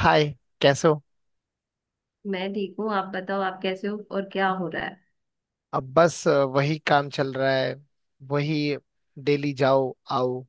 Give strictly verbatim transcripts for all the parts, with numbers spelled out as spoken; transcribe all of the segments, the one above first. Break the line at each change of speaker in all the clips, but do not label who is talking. हाय। कैसे हो?
मैं ठीक हूँ। आप बताओ, आप कैसे हो और क्या हो रहा है?
अब बस अ, वही काम चल रहा है। वही। डेली जाओ आओ।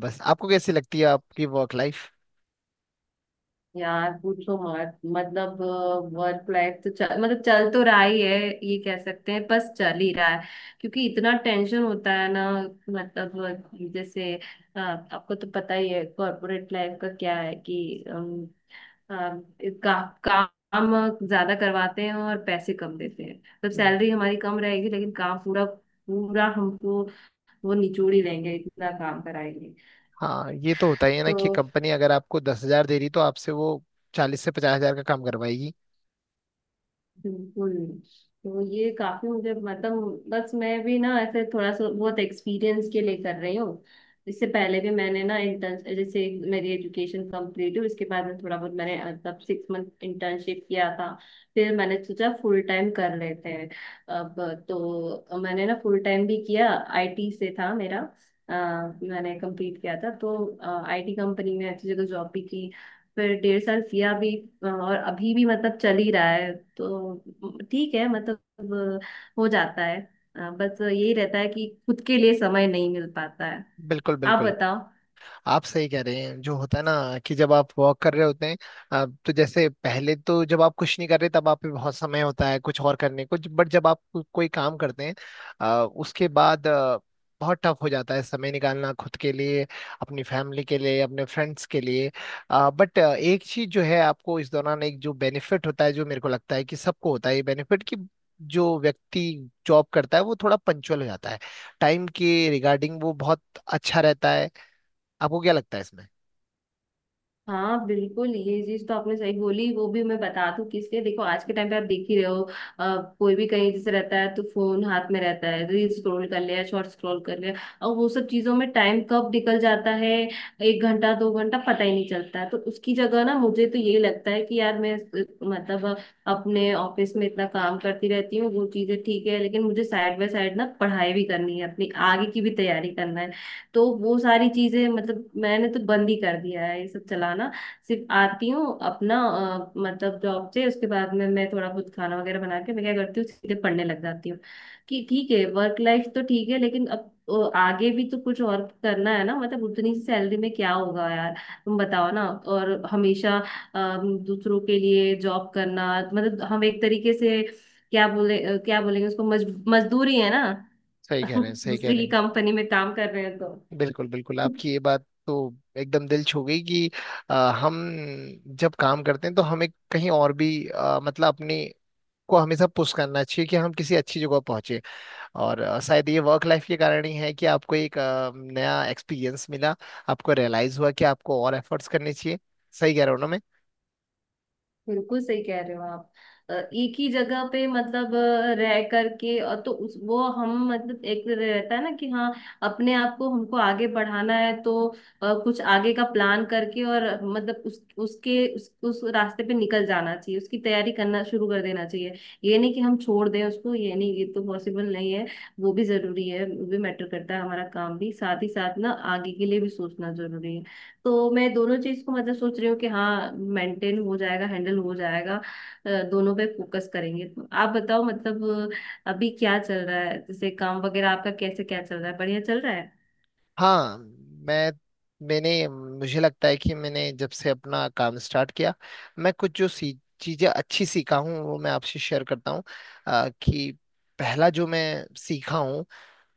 बस, आपको कैसी लगती है आपकी वर्क लाइफ?
यार पूछो मत, मतलब। वर्क लाइफ तो चल मतलब चल तो रहा ही है। ये कह सकते हैं बस चल ही रहा है। क्योंकि इतना टेंशन होता है ना, मतलब जैसे, अ, आपको तो पता ही है कॉर्पोरेट लाइफ का क्या है कि अम, अम, का, काम ज्यादा करवाते हैं और पैसे कम देते हैं, मतलब सैलरी हमारी कम रहेगी लेकिन काम पूरा पूरा हमको वो निचोड़ ही लेंगे, इतना काम कराएंगे।
हाँ, ये तो होता ही है ना
तो
कि कंपनी अगर आपको दस हजार दे रही तो आपसे वो चालीस से पचास हजार का काम करवाएगी।
बिल्कुल। तो ये काफी मुझे, मतलब बस मैं भी ना ऐसे थोड़ा सा बहुत एक्सपीरियंस के लिए कर रही हूँ। इससे पहले भी मैंने ना इंटर्न जैसे, मेरी एजुकेशन कंप्लीट हुई उसके बाद में थोड़ा बहुत मैंने अ, तब सिक्स मंथ इंटर्नशिप किया था। फिर मैंने सोचा फुल टाइम कर लेते हैं। अब तो मैंने ना फुल टाइम भी किया। आई टी से था मेरा, अ, मैंने कंप्लीट किया था तो आई टी कंपनी में अच्छी जगह जॉब भी की। फिर डेढ़ साल किया भी और अभी भी मतलब चल ही रहा है, तो ठीक है मतलब, हो जाता है। अ, बस यही रहता है कि खुद के लिए समय नहीं मिल पाता है।
बिल्कुल
आप
बिल्कुल।
बताओ।
आप सही कह रहे हैं, जो होता है ना कि जब आप वॉक कर रहे होते हैं, अ, तो जैसे पहले तो जब आप कुछ नहीं कर रहे तब आप पे बहुत समय होता है कुछ और करने को, बट जब आप को, कोई काम करते हैं अ, उसके बाद अ, बहुत टफ हो जाता है समय निकालना खुद के लिए, अपनी फैमिली के लिए, अपने फ्रेंड्स के लिए। बट एक चीज जो है, आपको इस दौरान एक जो बेनिफिट होता है जो मेरे को लगता है कि सबको होता है ये बेनिफिट कि जो व्यक्ति जॉब करता है वो थोड़ा पंचुअल हो जाता है। टाइम के रिगार्डिंग वो बहुत अच्छा रहता है। आपको क्या लगता है इसमें?
हाँ बिल्कुल, ये चीज तो आपने सही बोली। वो भी मैं बता दूं किसलिए। देखो, आज के टाइम पे आप देख ही रहे हो। अ, कोई भी कहीं जैसे रहता है तो फोन हाथ में रहता है, रील स्क्रॉल कर लिया, शॉर्ट स्क्रॉल कर लिया और वो सब चीजों में टाइम कब निकल जाता है। एक घंटा, दो घंटा पता ही नहीं चलता है। तो उसकी जगह ना मुझे तो यही लगता है कि यार मैं अ, मतलब, अपने ऑफिस में इतना काम करती रहती हूँ। वो चीजें ठीक है, लेकिन मुझे साइड बाय साइड ना पढ़ाई भी करनी है, अपनी आगे की भी तैयारी करना है। तो वो सारी चीजें मतलब मैंने तो बंद ही कर दिया है ये सब चलाना। सिर्फ आती हूँ अपना, अ, मतलब जॉब से, उसके बाद में मैं थोड़ा बहुत खाना वगैरह बना के मैं क्या करती हूँ सीधे पढ़ने लग जाती हूँ। कि ठीक है, वर्क लाइफ तो ठीक है, लेकिन अब अ, आगे भी तो कुछ और करना है ना, मतलब उतनी सी सैलरी में क्या होगा यार। तुम बताओ ना। और हमेशा अम, दूसरों के लिए जॉब करना, मतलब हम एक तरीके से क्या बोले, अ, क्या बोलेंगे उसको, मज, मजदूरी है ना।
सही कह रहे हैं, सही कह
दूसरे
रहे
की
हैं।
कंपनी में काम कर रहे हैं तो।
बिल्कुल बिल्कुल। आपकी ये बात तो एकदम दिल छू गई कि आ, हम जब काम करते हैं तो हमें कहीं और भी आ, मतलब अपने को हमेशा पुश करना चाहिए कि हम किसी अच्छी जगह पहुंचे। और आ, शायद ये वर्क लाइफ के कारण ही है कि आपको एक आ, नया एक्सपीरियंस मिला। आपको रियलाइज हुआ कि आपको और एफर्ट्स करने चाहिए। सही कह रहे हो ना मैं?
बिल्कुल सही कह रहे हो आप। अ, एक ही जगह पे मतलब अ, रह करके और, तो उस वो हम मतलब एक रहता है ना कि हाँ, अपने आप को हमको आगे बढ़ाना है तो अ, कुछ आगे का प्लान करके और मतलब उस उसके उस, उस रास्ते पे निकल जाना चाहिए, उसकी तैयारी करना शुरू कर देना चाहिए। ये नहीं कि हम छोड़ दें उसको, ये नहीं, ये तो पॉसिबल नहीं है। वो भी जरूरी है, वो भी मैटर करता है, हमारा काम भी साथ ही साथ ना आगे के लिए भी सोचना जरूरी है। तो मैं दोनों चीज को मतलब सोच रही हूँ कि हाँ मेंटेन हो जाएगा, हैंडल हो जाएगा, अ, दोनों पे फोकस करेंगे। तो आप बताओ मतलब अ, अभी क्या चल रहा है, जैसे काम वगैरह आपका कैसे क्या चल रहा है, बढ़िया चल रहा है?
हाँ। मैं मैंने मुझे लगता है कि मैंने जब से अपना काम स्टार्ट किया, मैं कुछ जो सी चीज़ें अच्छी सीखा हूँ वो मैं आपसे शेयर करता हूँ। अ, कि पहला जो मैं सीखा हूँ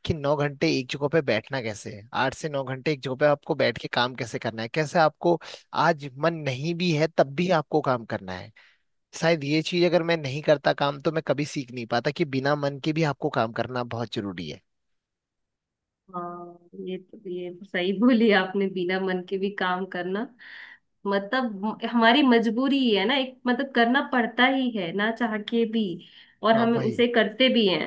कि नौ घंटे एक जगह पे बैठना कैसे है, आठ से नौ घंटे एक जगह पे आपको बैठ के काम कैसे करना है, कैसे आपको आज मन नहीं भी है तब भी आपको काम करना है। शायद ये चीज़ अगर मैं नहीं करता काम तो मैं कभी सीख नहीं पाता कि बिना मन के भी आपको काम करना बहुत जरूरी है।
हाँ, ये तो ये तो सही बोली आपने, बिना मन के भी काम करना। मतलब म- हमारी मजबूरी ही है ना एक, मतलब करना पड़ता ही है ना चाह के भी। और
हाँ
हमें
भाई।
उसे करते भी हैं।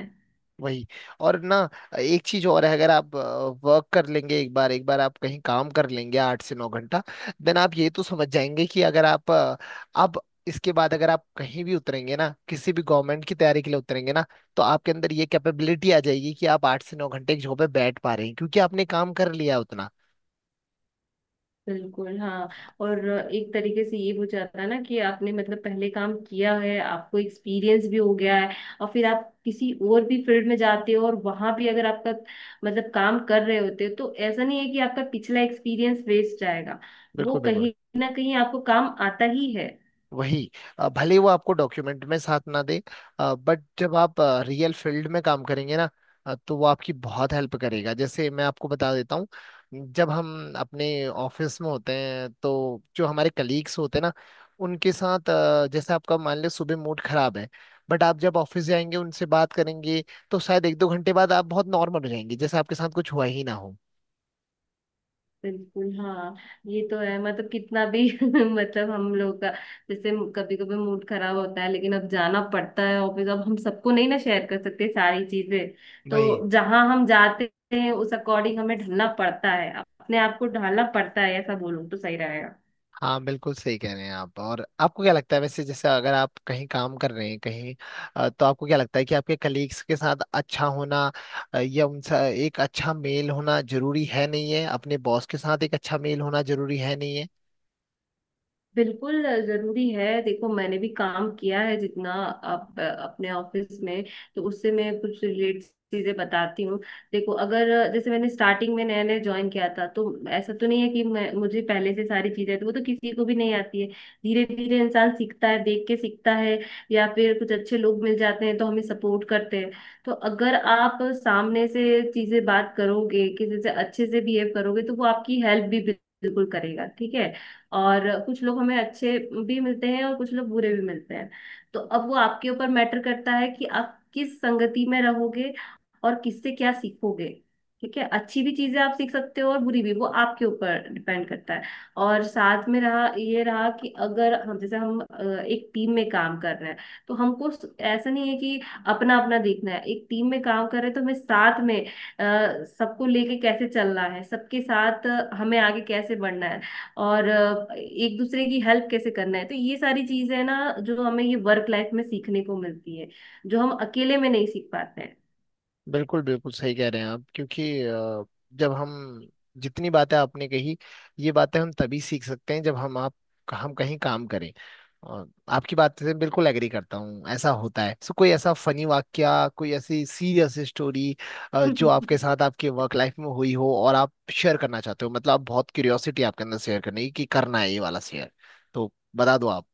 वही। और ना, एक चीज और है। अगर आप वर्क कर लेंगे, एक बार एक बार आप कहीं काम कर लेंगे आठ से नौ घंटा, देन आप ये तो समझ जाएंगे कि अगर आप अ, अब इसके बाद अगर आप कहीं भी उतरेंगे ना, किसी भी गवर्नमेंट की तैयारी के लिए उतरेंगे ना, तो आपके अंदर ये कैपेबिलिटी आ जाएगी कि आप आठ से नौ घंटे एक जगह पे बैठ पा रहे हैं क्योंकि आपने काम कर लिया उतना।
बिल्कुल हाँ। और एक तरीके से ये हो जाता है ना कि आपने मतलब पहले काम किया है, आपको एक्सपीरियंस भी हो गया है, और फिर आप किसी और भी फील्ड में जाते हो और वहां भी अगर आपका मतलब काम कर रहे होते हो तो ऐसा नहीं है कि आपका पिछला एक्सपीरियंस वेस्ट जाएगा। वो
बिल्कुल बिल्कुल।
कहीं ना कहीं आपको काम आता ही है।
वही। अ, भले ही वो आपको डॉक्यूमेंट में साथ ना दे, बट जब आप रियल फील्ड में काम करेंगे ना, अ, तो वो आपकी बहुत हेल्प करेगा। जैसे मैं आपको बता देता हूँ, जब हम अपने ऑफिस में होते हैं तो जो हमारे कलीग्स होते हैं ना, उनके साथ अ, जैसे आपका मान लो सुबह मूड खराब है, बट आप जब ऑफिस जाएंगे उनसे बात करेंगे, तो शायद एक दो घंटे बाद आप बहुत नॉर्मल हो जाएंगे जैसे आपके साथ कुछ हुआ ही ना
बिल्कुल हाँ, ये तो है मतलब कितना भी मतलब हम लोग का, जैसे कभी कभी मूड खराब होता है लेकिन अब जाना पड़ता है ऑफिस। अब हम सबको नहीं ना शेयर कर सकते सारी चीजें।
हो।
तो जहाँ हम जाते हैं उस अकॉर्डिंग हमें ढलना पड़ता है, अपने आप को ढालना पड़ता है, ऐसा बोलूँ तो सही रहेगा।
हाँ बिल्कुल सही कह रहे हैं आप। और आपको क्या लगता है वैसे, जैसे अगर आप कहीं काम कर रहे हैं कहीं, अ, तो आपको क्या लगता है कि आपके कलीग्स के साथ अच्छा होना, अ, या उनसे एक अच्छा मेल होना जरूरी है नहीं है? अपने बॉस के साथ एक अच्छा मेल होना जरूरी है नहीं है?
बिल्कुल अ, जरूरी है। देखो, मैंने भी काम किया है जितना आप अ, अपने ऑफिस में, तो उससे मैं कुछ रिलेट चीजें बताती हूँ। देखो, अगर अ, जैसे मैंने स्टार्टिंग में नया नया ज्वाइन किया था, तो ऐसा तो नहीं है कि मैं, मुझे पहले से सारी चीजें तो, वो तो किसी को भी नहीं आती है। धीरे धीरे इंसान सीखता है, देख के सीखता है। या फिर कुछ अच्छे लोग मिल जाते हैं तो हमें सपोर्ट करते हैं। तो अगर आप सामने से चीजें बात करोगे, किसी से अच्छे से बिहेव करोगे, तो वो आपकी हेल्प भी बिल्कुल करेगा, ठीक है। और कुछ लोग हमें अच्छे भी मिलते हैं और कुछ लोग बुरे भी मिलते हैं। तो अब वो आपके ऊपर मैटर करता है कि आप किस संगति में रहोगे और किससे क्या सीखोगे। ठीक है, अच्छी भी चीजें आप सीख सकते हो और बुरी भी, वो आपके ऊपर डिपेंड करता है। और साथ में रहा ये रहा कि अगर हम, जैसे हम अ, एक टीम में काम कर रहे हैं, तो हमको ऐसा नहीं है कि अपना अपना देखना है। एक टीम में काम कर रहे हैं तो हमें साथ में अ, सबको लेके कैसे चलना है, सबके साथ हमें आगे कैसे बढ़ना है, और अ, एक दूसरे की हेल्प कैसे करना है। तो ये सारी चीजें ना जो हमें ये वर्क लाइफ में सीखने को मिलती है, जो हम अकेले में नहीं सीख पाते
बिल्कुल बिल्कुल सही कह रहे हैं आप क्योंकि अ, जब हम जितनी बातें आपने कही, ये बातें हम तभी सीख सकते हैं जब हम आप हम कहीं काम करें। और आपकी बात से बिल्कुल एग्री करता हूँ, ऐसा होता है। सो कोई ऐसा फनी वाक्या, कोई ऐसी सीरियस स्टोरी
हैं।
जो आपके साथ आपके वर्क लाइफ में हुई हो और आप शेयर करना चाहते हो, मतलब आप बहुत क्यूरियोसिटी आपके अंदर शेयर करने की कि करना है ये वाला शेयर, तो बता दो आप।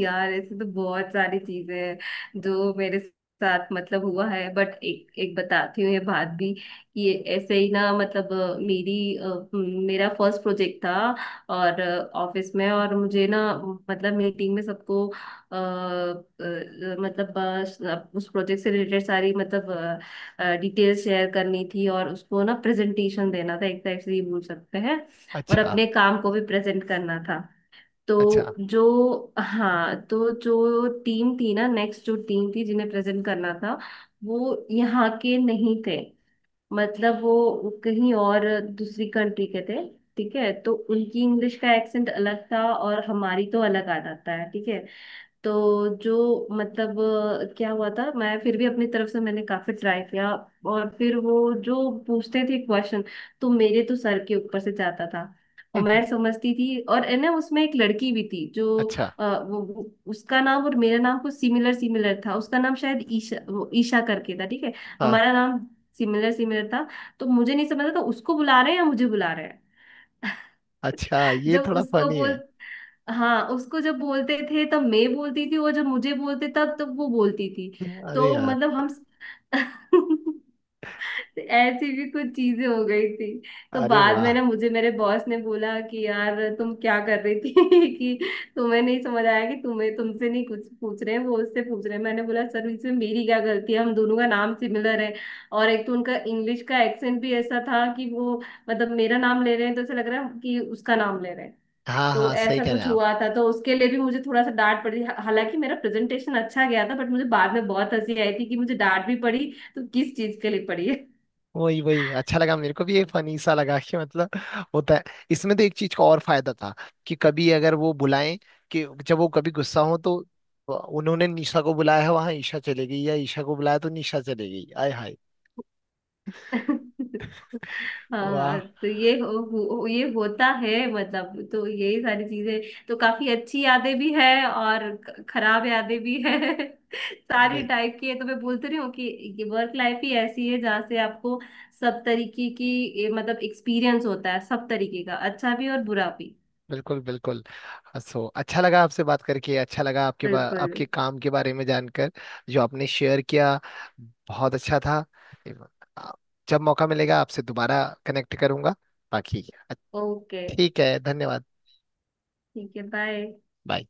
यार ऐसे तो बहुत सारी चीजें हैं जो मेरे साथ मतलब हुआ है, बट एक एक बताती हूँ ये बात भी कि ये ऐसे ही ना मतलब अ, मेरी अ, म, मेरा फर्स्ट प्रोजेक्ट था। और ऑफिस में। और मुझे ना मतलब मीटिंग में सबको अ, अ, मतलब अ, स- उस प्रोजेक्ट से रिलेटेड सारी मतलब डिटेल्स शेयर करनी थी, और उसको ना प्रेजेंटेशन देना था, एक टाइप से ये बोल सकते हैं। और
अच्छा।
अपने काम को भी प्रेजेंट करना था।
अच्छा।
तो जो, हाँ, तो जो टीम थी ना, नेक्स्ट जो टीम थी जिन्हें प्रेजेंट करना था, वो यहाँ के नहीं थे, मतलब वो कहीं और, दूसरी कंट्री के थे, ठीक है। तो उनकी इंग्लिश का एक्सेंट अलग था और हमारी तो अलग आ जाता है, ठीक है। तो जो मतलब अ, क्या हुआ था, मैं फिर भी अपनी तरफ से मैंने काफी ट्राई किया। और फिर वो जो पूछते थे क्वेश्चन, तो मेरे तो सर के ऊपर से जाता था। और मैं समझती थी। और है ना उसमें एक लड़की भी थी जो
अच्छा।
अ, वो वो- उसका नाम और मेरा नाम कुछ सिमिलर सिमिलर था। उसका नाम शायद ईशा, वो ईशा करके था, ठीक है।
हाँ।
हमारा नाम सिमिलर सिमिलर था। तो मुझे नहीं समझ था उसको बुला रहे हैं या मुझे बुला रहे हैं।
अच्छा, ये
जब
थोड़ा
उसको
फनी
बोल
है।
हाँ, उसको जब बोलते थे तब मैं बोलती थी, और जब मुझे बोलते तब तब वो बोलती थी।
अरे
तो
यार।
मतलब हम, ऐसी भी कुछ चीजें हो गई थी। तो
अरे
बाद में ना
वाह।
मुझे मेरे बॉस ने बोला कि यार तुम क्या कर रही थी, कि तुम्हें नहीं समझ आया कि तुम्हें तुमसे नहीं कुछ पूछ रहे हैं, वो उससे पूछ रहे हैं। मैंने बोला, सर, इसमें मेरी क्या गलती है, हम दोनों का नाम सिमिलर है। और एक तो उनका इंग्लिश का एक्सेंट भी ऐसा था कि वो मतलब मेरा नाम ले रहे हैं तो ऐसा लग रहा है कि उसका नाम ले रहे हैं।
हाँ
तो
हाँ सही
ऐसा
कह रहे
कुछ
हैं आप।
हुआ था, तो उसके लिए भी मुझे थोड़ा सा डांट पड़ी, हा- हालांकि मेरा प्रेजेंटेशन अच्छा गया था, बट मुझे बाद में बहुत हंसी आई थी कि मुझे डांट भी पड़ी तो किस चीज के लिए पड़ी है।
वही वही। अच्छा लगा मेरे को भी, ये फनी सा लगा कि मतलब होता है। इसमें तो एक चीज का और फायदा था कि कभी अगर वो बुलाएं, कि जब वो कभी गुस्सा हो तो उन्होंने निशा को बुलाया है वहां ईशा चले गई, या ईशा को बुलाया तो निशा चले गई। आय हाय।
हाँ,
वाह।
तो ये हो, हो, ये होता है मतलब, तो यही सारी चीजें तो काफी अच्छी यादें भी है और ख- खराब यादें भी है। सारी टाइप की है। तो मैं बोलती रही हूँ कि ये वर्क लाइफ ही ऐसी है जहाँ से आपको सब तरीके की, ये मतलब एक्सपीरियंस होता है, सब तरीके का, अच्छा भी और बुरा भी।
बिल्कुल बिल्कुल। सो अच्छा लगा आपसे बात करके, अच्छा लगा आपके बा,
बिल्कुल।
आपके काम के बारे में जानकर जो आपने शेयर किया। बहुत अच्छा था। आ, जब मौका मिलेगा आपसे दोबारा कनेक्ट करूंगा। बाकी
ओके,
ठीक है। धन्यवाद।
ठीक है, बाय।
बाय।